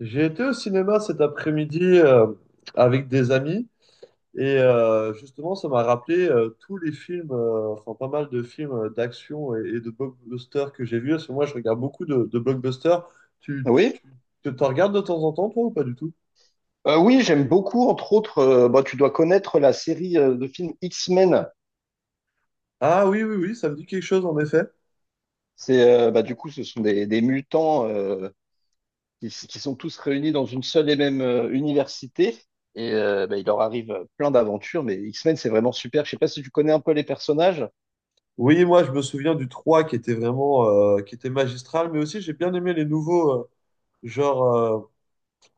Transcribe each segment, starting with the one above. J'ai été au cinéma cet après-midi avec des amis et justement ça m'a rappelé tous les films, enfin pas mal de films d'action et de blockbusters que j'ai vus. Parce que moi je regarde beaucoup de blockbusters. Tu, tu, Oui. tu- tu t'en regardes de temps en temps toi ou pas du tout? Oui, j'aime beaucoup, entre autres, tu dois connaître la série de films X-Men. Ah oui oui oui, ça me dit quelque chose en effet. C'est du coup, ce sont des mutants qui, qui sont tous réunis dans une seule et même université. Et il leur arrive plein d'aventures, mais X-Men, c'est vraiment super. Je sais pas si tu connais un peu les personnages. Oui, moi je me souviens du 3 qui était vraiment qui était magistral, mais aussi j'ai bien aimé les nouveaux, genre,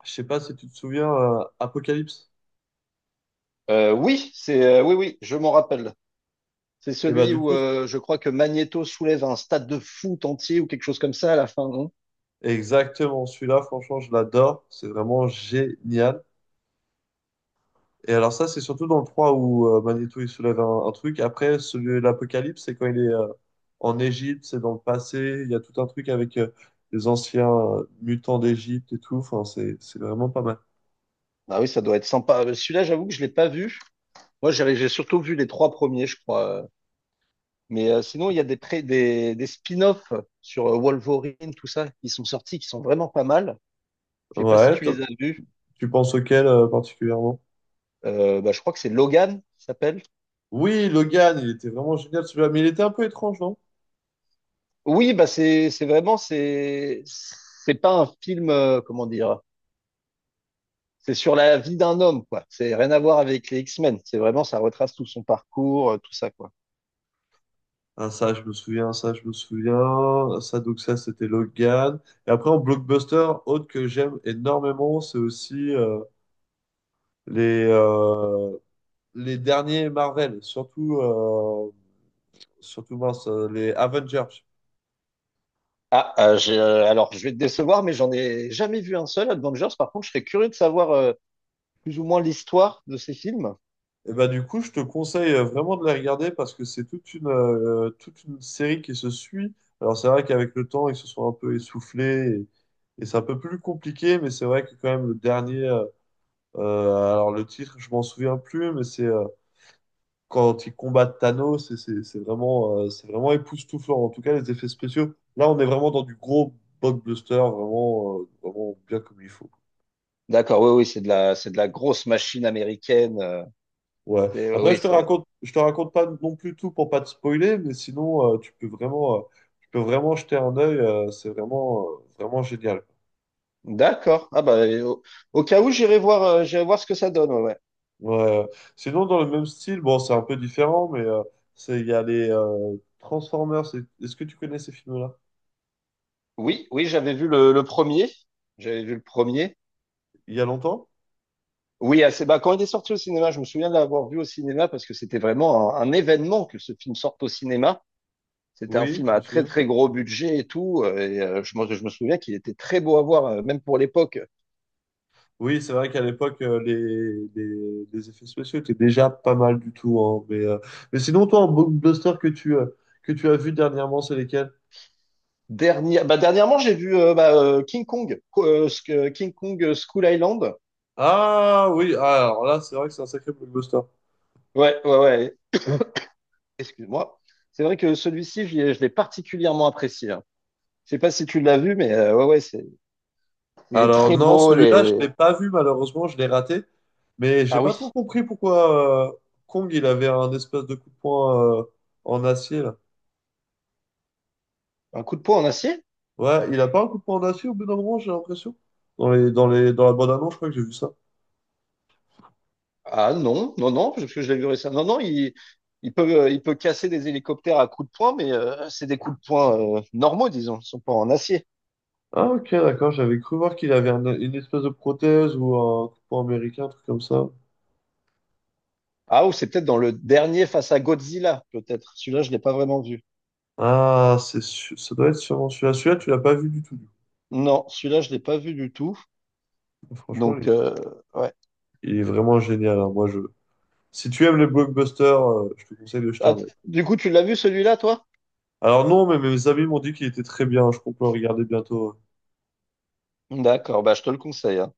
je sais pas si tu te souviens Apocalypse. Oui, c'est oui, je m'en rappelle. C'est Et bah celui du où coup. Je crois que Magneto soulève un stade de foot entier ou quelque chose comme ça à la fin, non? Exactement, celui-là, franchement, je l'adore. C'est vraiment génial. Et alors ça, c'est surtout dans le 3 où Magneto, il soulève un truc. Après, celui de l'Apocalypse, c'est quand il est en Égypte, c'est dans le passé. Il y a tout un truc avec les anciens mutants d'Égypte et tout. Enfin, c'est vraiment pas mal. Ah oui, ça doit être sympa. Celui-là, j'avoue que je l'ai pas vu. Moi, j'ai surtout vu les trois premiers, je crois. Mais sinon, il y a des spin-offs sur Wolverine, tout ça, qui sont sortis, qui sont vraiment pas mal. Je sais pas si Ouais, tu les toi, as vus. tu penses auquel particulièrement? Je crois que c'est Logan qui s'appelle. Oui, Logan, il était vraiment génial celui-là, mais il était un peu étrange, non? Oui, bah c'est vraiment c'est pas un film comment dire. C'est sur la vie d'un homme quoi. C'est rien à voir avec les X-Men. C'est vraiment ça retrace tout son parcours, tout ça quoi. Ah, ça, je me souviens, ça, je me souviens. Ça, donc ça, c'était Logan. Et après, en blockbuster, autre que j'aime énormément, c'est aussi les, euh, les derniers Marvel, surtout mince, les Avengers. Alors je vais te décevoir, mais j'en ai jamais vu un seul. Avengers, par contre, je serais curieux de savoir plus ou moins l'histoire de ces films. Et ben du coup, je te conseille vraiment de les regarder parce que c'est toute une série qui se suit. Alors, c'est vrai qu'avec le temps, ils se sont un peu essoufflés et c'est un peu plus compliqué, mais c'est vrai que quand même, le dernier, alors le titre, je m'en souviens plus, mais c'est. Quand ils combattent Thanos, c'est vraiment époustouflant. En tout cas, les effets spéciaux. Là, on est vraiment dans du gros blockbuster, vraiment bien comme il faut. D'accord, oui, oui, c'est de la grosse machine américaine. Ouais. Après, Oui, je te ça. raconte, je te raconte pas non plus tout pour pas te spoiler, mais sinon, tu peux vraiment jeter un œil. C'est vraiment, vraiment génial. D'accord. Au cas où, j'irai voir ce que ça donne. Ouais, ouais. Ouais. Sinon, dans le même style, bon, c'est un peu différent, mais il y a les Transformers. Est-ce que tu connais ces films-là? Oui, oui, le premier. J'avais vu le premier. Il y a longtemps? Oui, assez, bah, quand il est sorti au cinéma, je me souviens de l'avoir vu au cinéma parce que c'était vraiment un événement que ce film sorte au cinéma. C'était un Oui, film je me à très souviens. très gros budget et tout. Et je me souviens qu'il était très beau à voir, même pour l'époque. Oui, c'est vrai qu'à l'époque, les effets spéciaux étaient déjà pas mal du tout, hein, mais sinon, toi, un blockbuster que tu as vu dernièrement, c'est lesquels? Dernier, bah, dernièrement, j'ai vu King Kong, King Kong School Island. Ah oui, alors là, c'est vrai que c'est un sacré blockbuster. Ouais, ouais, ouais. Excuse-moi. C'est vrai que celui-ci, je l'ai particulièrement apprécié, hein. Je sais pas si tu l'as vu, mais ouais, ouais, c'est, il est Alors très non, beau. celui-là, je ne Les... l'ai pas vu, malheureusement, je l'ai raté. Mais j'ai Ah pas oui, trop compris pourquoi Kong, il avait un espèce de coup de poing en acier, là. un coup de poing en acier? Ouais, il a pas un coup de poing en acier au bout d'un moment, j'ai l'impression. Dans la bande-annonce, je crois que j'ai vu ça. Ah non, non, non, parce que je l'ai vu récemment. Non, non, il peut casser des hélicoptères à coups de poing, mais c'est des coups de poing normaux, disons. Ils sont pas en acier. Ah ok, d'accord, j'avais cru voir qu'il avait une espèce de prothèse ou un coupon américain, un truc comme ça. Ah, ou c'est peut-être dans le dernier face à Godzilla, peut-être. Celui-là, je l'ai pas vraiment vu. Ah, ça doit être sûrement celui-là. Celui-là, tu l'as pas vu du tout, du Non, celui-là, je l'ai pas vu du tout. coup. Franchement, il Donc, est, ouais. il est vraiment génial, hein. Moi, je... Si tu aimes les blockbusters, je te conseille de jeter Ah, un œil. du coup, tu l'as vu celui-là, toi? Alors non, mais mes amis m'ont dit qu'il était très bien. Je compte le regarder bientôt, hein. D'accord, bah, je te le conseille, hein.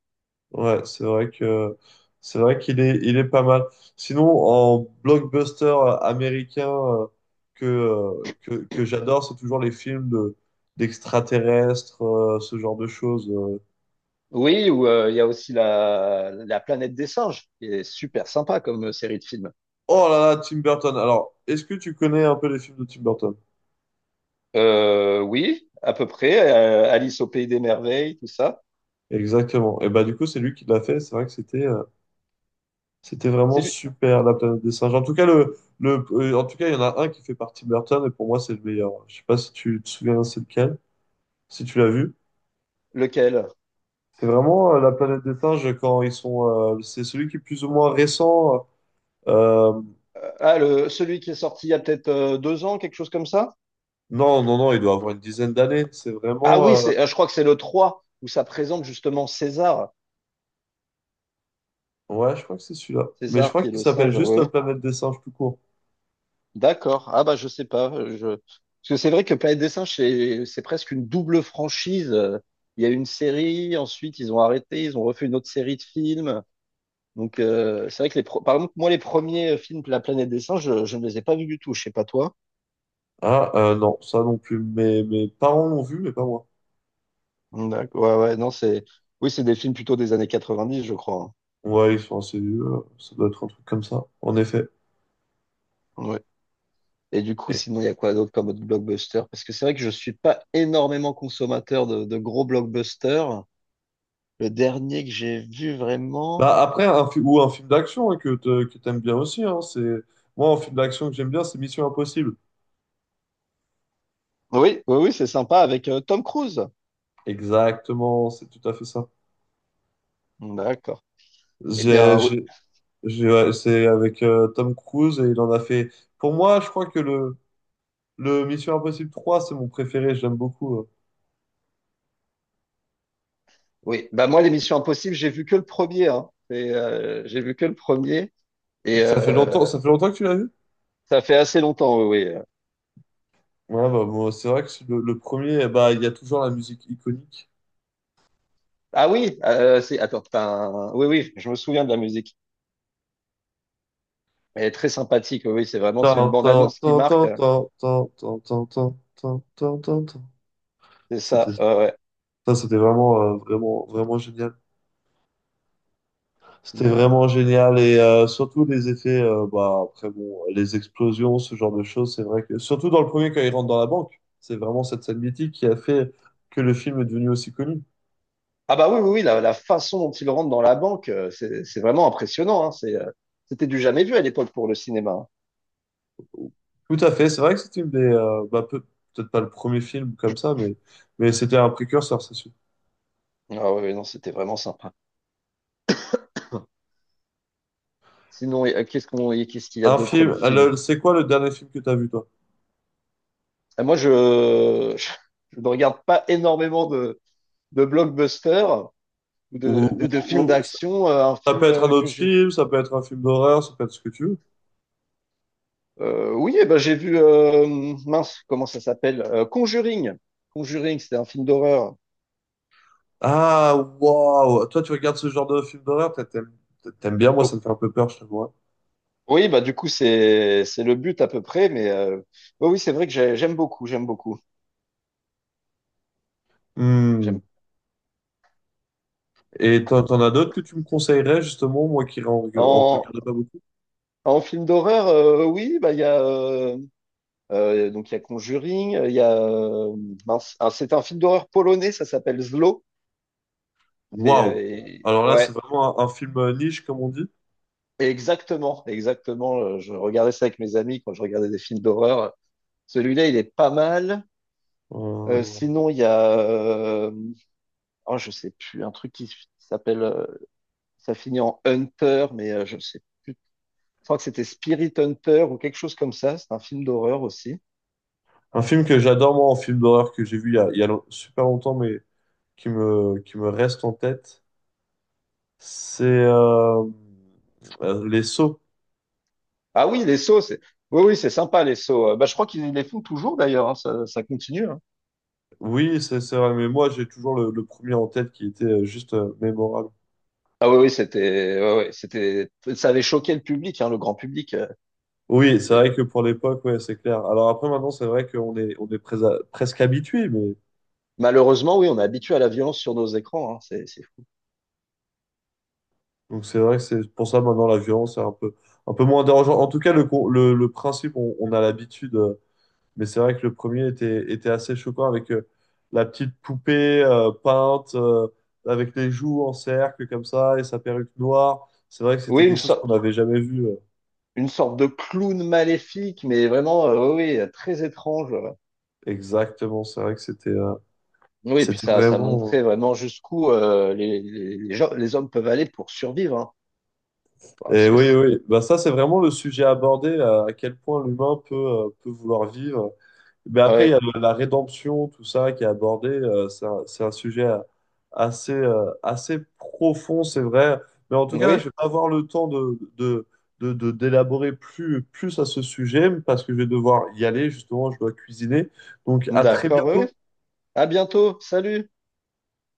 Ouais, c'est vrai qu'il est pas mal. Sinon, en blockbuster américain que j'adore, c'est toujours les films de d'extraterrestres, ce genre de choses. Oui, ou il y a aussi la planète des singes, qui est super sympa comme série de films. Oh là là, Tim Burton. Alors, est-ce que tu connais un peu les films de Tim Burton? Oui, à peu près. Alice au pays des merveilles, tout ça. Exactement. Et bah du coup, c'est lui qui l'a fait. C'est vrai que c'était vraiment C'est super, La planète des singes. En tout cas, il y en a un qui est fait par Tim Burton et pour moi, c'est le meilleur. Je sais pas si tu te souviens, c'est lequel, si tu l'as vu. lequel? C'est vraiment la planète des singes quand ils sont. C'est celui qui est plus ou moins récent. Euh, Celui qui est sorti il y a peut-être deux ans, quelque chose comme ça? non, non, non, il doit avoir une dizaine d'années. C'est Ah vraiment. oui, euh, c'est, je crois que c'est le 3 où ça présente justement César. ouais, je crois que c'est celui-là. Mais je César crois qui est qu'il le s'appelle singe. juste Ouais. Planète des singes tout court. D'accord. Ah bah je sais pas. Je... Parce que c'est vrai que Planète des Singes, c'est presque une double franchise. Il y a une série, ensuite ils ont arrêté, ils ont refait une autre série de films. Donc c'est vrai que par exemple moi les premiers films de La Planète des Singes, je ne les ai pas vus du tout. Je sais pas toi. Ah, non, ça non plus. Mes parents l'ont vu, mais pas moi. D'accord. Ouais ouais non c'est oui c'est des films plutôt des années quatre-vingt-dix je crois. Ouais, ils sont assez vieux. Ça doit être un truc comme ça, en effet. Hein. Ouais. Et du coup Et- sinon il y a quoi d'autre comme autre blockbuster? Parce que c'est vrai que je suis pas énormément consommateur de gros blockbusters. Le dernier que j'ai vu vraiment. Bah, après, un, fi- ou un film d'action, hein, que t'aimes bien aussi. Hein, c'est... Moi, un film d'action que j'aime bien, c'est Mission Impossible. Oui, oui, oui, c'est sympa avec Tom Cruise. Exactement, c'est tout à fait ça. D'accord. Eh bien, J'ai, oui, j'ai- ouais, c'est avec Tom Cruise et il en a fait. Pour moi, je crois que le Mission Impossible 3, c'est mon préféré, j'aime beaucoup. Oui. Bah moi, l'émission Impossible, j'ai vu que le premier, hein. C'est, j'ai vu que le premier et Ça fait longtemps que tu l'as vu? ça fait assez longtemps. Oui, oui. Ouais, bah, moi, c'est vrai que c'est le premier, bah, il y a toujours la musique iconique. Ah oui, c'est attends, oui, oui, je me souviens de la musique. Elle est très sympathique. Oui, oui, c'est vraiment, c'est une Tan, tan, bande-annonce qui tan, marque. tan, tan, tan, tan, tan, tan, tan, tan, tan, tan. C'est C'était, ça. Ouais, ouais. ça, c'était vraiment, vraiment, vraiment génial. C'était Sinon, vraiment génial et surtout les effets, bah, après bon, les explosions, ce genre de choses, c'est vrai que surtout dans le premier quand il rentre dans la banque, c'est vraiment cette scène mythique qui a fait que le film est devenu aussi connu. ah bah oui, oui, oui, la façon dont il rentre dans la banque, c'est vraiment impressionnant, hein. C'est, c'était du jamais vu à l'époque pour le cinéma, hein. Tout à fait, c'est vrai que c'était bah, peut-être pas le premier film comme ça, mais c'était un précurseur, c'est sûr. Ah oui, oui, non, c'était vraiment sympa. Sinon, et qu'est-ce qu'il y a Un d'autre comme film, film? C'est quoi le dernier film que tu as vu toi? Ah, moi, je, je, je ne regarde pas énormément de blockbusters ou Ou, de films ou- ou- d'action. Un ça peut film être un que autre j'ai. film, ça peut être un film d'horreur, ça peut être ce que tu veux. Oui, eh ben, j'ai vu, mince, comment ça s'appelle? Conjuring. Conjuring, c'était un film d'horreur. Ah, waouh! Toi, tu regardes ce genre de film d'horreur, peut-être t'aimes bien, moi, Oh, ça me fait un peu peur, je te vois. oui, bah, du coup, c'est le but à peu près, mais oui, oui, c'est vrai que j'aime beaucoup, j'aime beaucoup. J'aime. Hmm. Et t'en as d'autres que tu me conseillerais, justement, moi qui en, En, en regarde pas beaucoup? en film d'horreur, oui, bah, il y a. Donc il y a Conjuring, il y a mince, ah, c'est un film d'horreur polonais, ça s'appelle Zlo. C'est, Waouh! Alors là, c'est ouais, vraiment un film niche, comme on dit. exactement, exactement. Je regardais ça avec mes amis quand je regardais des films d'horreur. Celui-là, il est pas mal. Euh, Sinon, il y a, oh, je sais plus, un truc qui s'appelle, ça finit en Hunter, mais je sais plus. Je crois que c'était Spirit Hunter ou quelque chose comme ça. C'est un film d'horreur aussi. un film que j'adore, moi, un film d'horreur que j'ai vu il y a long- super longtemps, mais qui me reste en tête, c'est Les Sceaux. Ah oui, les sauts, c'est, oui, oui, c'est sympa les sauts. Bah, je crois qu'ils les font toujours d'ailleurs, hein, ça continue, hein. Oui, c'est vrai, mais moi, j'ai toujours le premier en tête qui était juste mémorable. Ah oui, oui, c'était, ouais, ouais, c'était, ça avait choqué le public, hein, le grand public. Oui, c'est c'est- vrai que pour l'époque, ouais, c'est clair. Alors après, maintenant, c'est vrai qu'presque habitué, mais Malheureusement, oui, on est habitué à la violence sur nos écrans, hein, c'est fou. donc c'est vrai que c'est pour ça maintenant la violence est un peu moins dérangeante. En tout cas, le principe, on a l'habitude, mais c'est vrai que le premier était assez choquant avec la petite poupée peinte avec les joues en cercle comme ça et sa perruque noire. C'est vrai que Oui, c'était quelque chose qu'on n'avait jamais vu. Une sorte de clown maléfique, mais vraiment, oui, oui, très étrange. Ouais. Exactement, c'est vrai que c'était, euh, Oui, et puis c'était ça vraiment. Montrait vraiment jusqu'où les hommes peuvent aller pour survivre, hein. Ouais, Parce Et que, oui, c'est- oui, bah ça c'est vraiment le sujet abordé, à quel point l'humain peut vouloir vivre. Mais après, il y ouais. a la rédemption, tout ça qui est abordé, c'est un sujet assez profond, c'est vrai. Mais en tout cas, je Oui, vais pas avoir le temps d'élaborer plus à ce sujet parce que je vais devoir y aller, justement, je dois cuisiner. Donc à très d'accord, oui. Oui. bientôt. À bientôt, salut.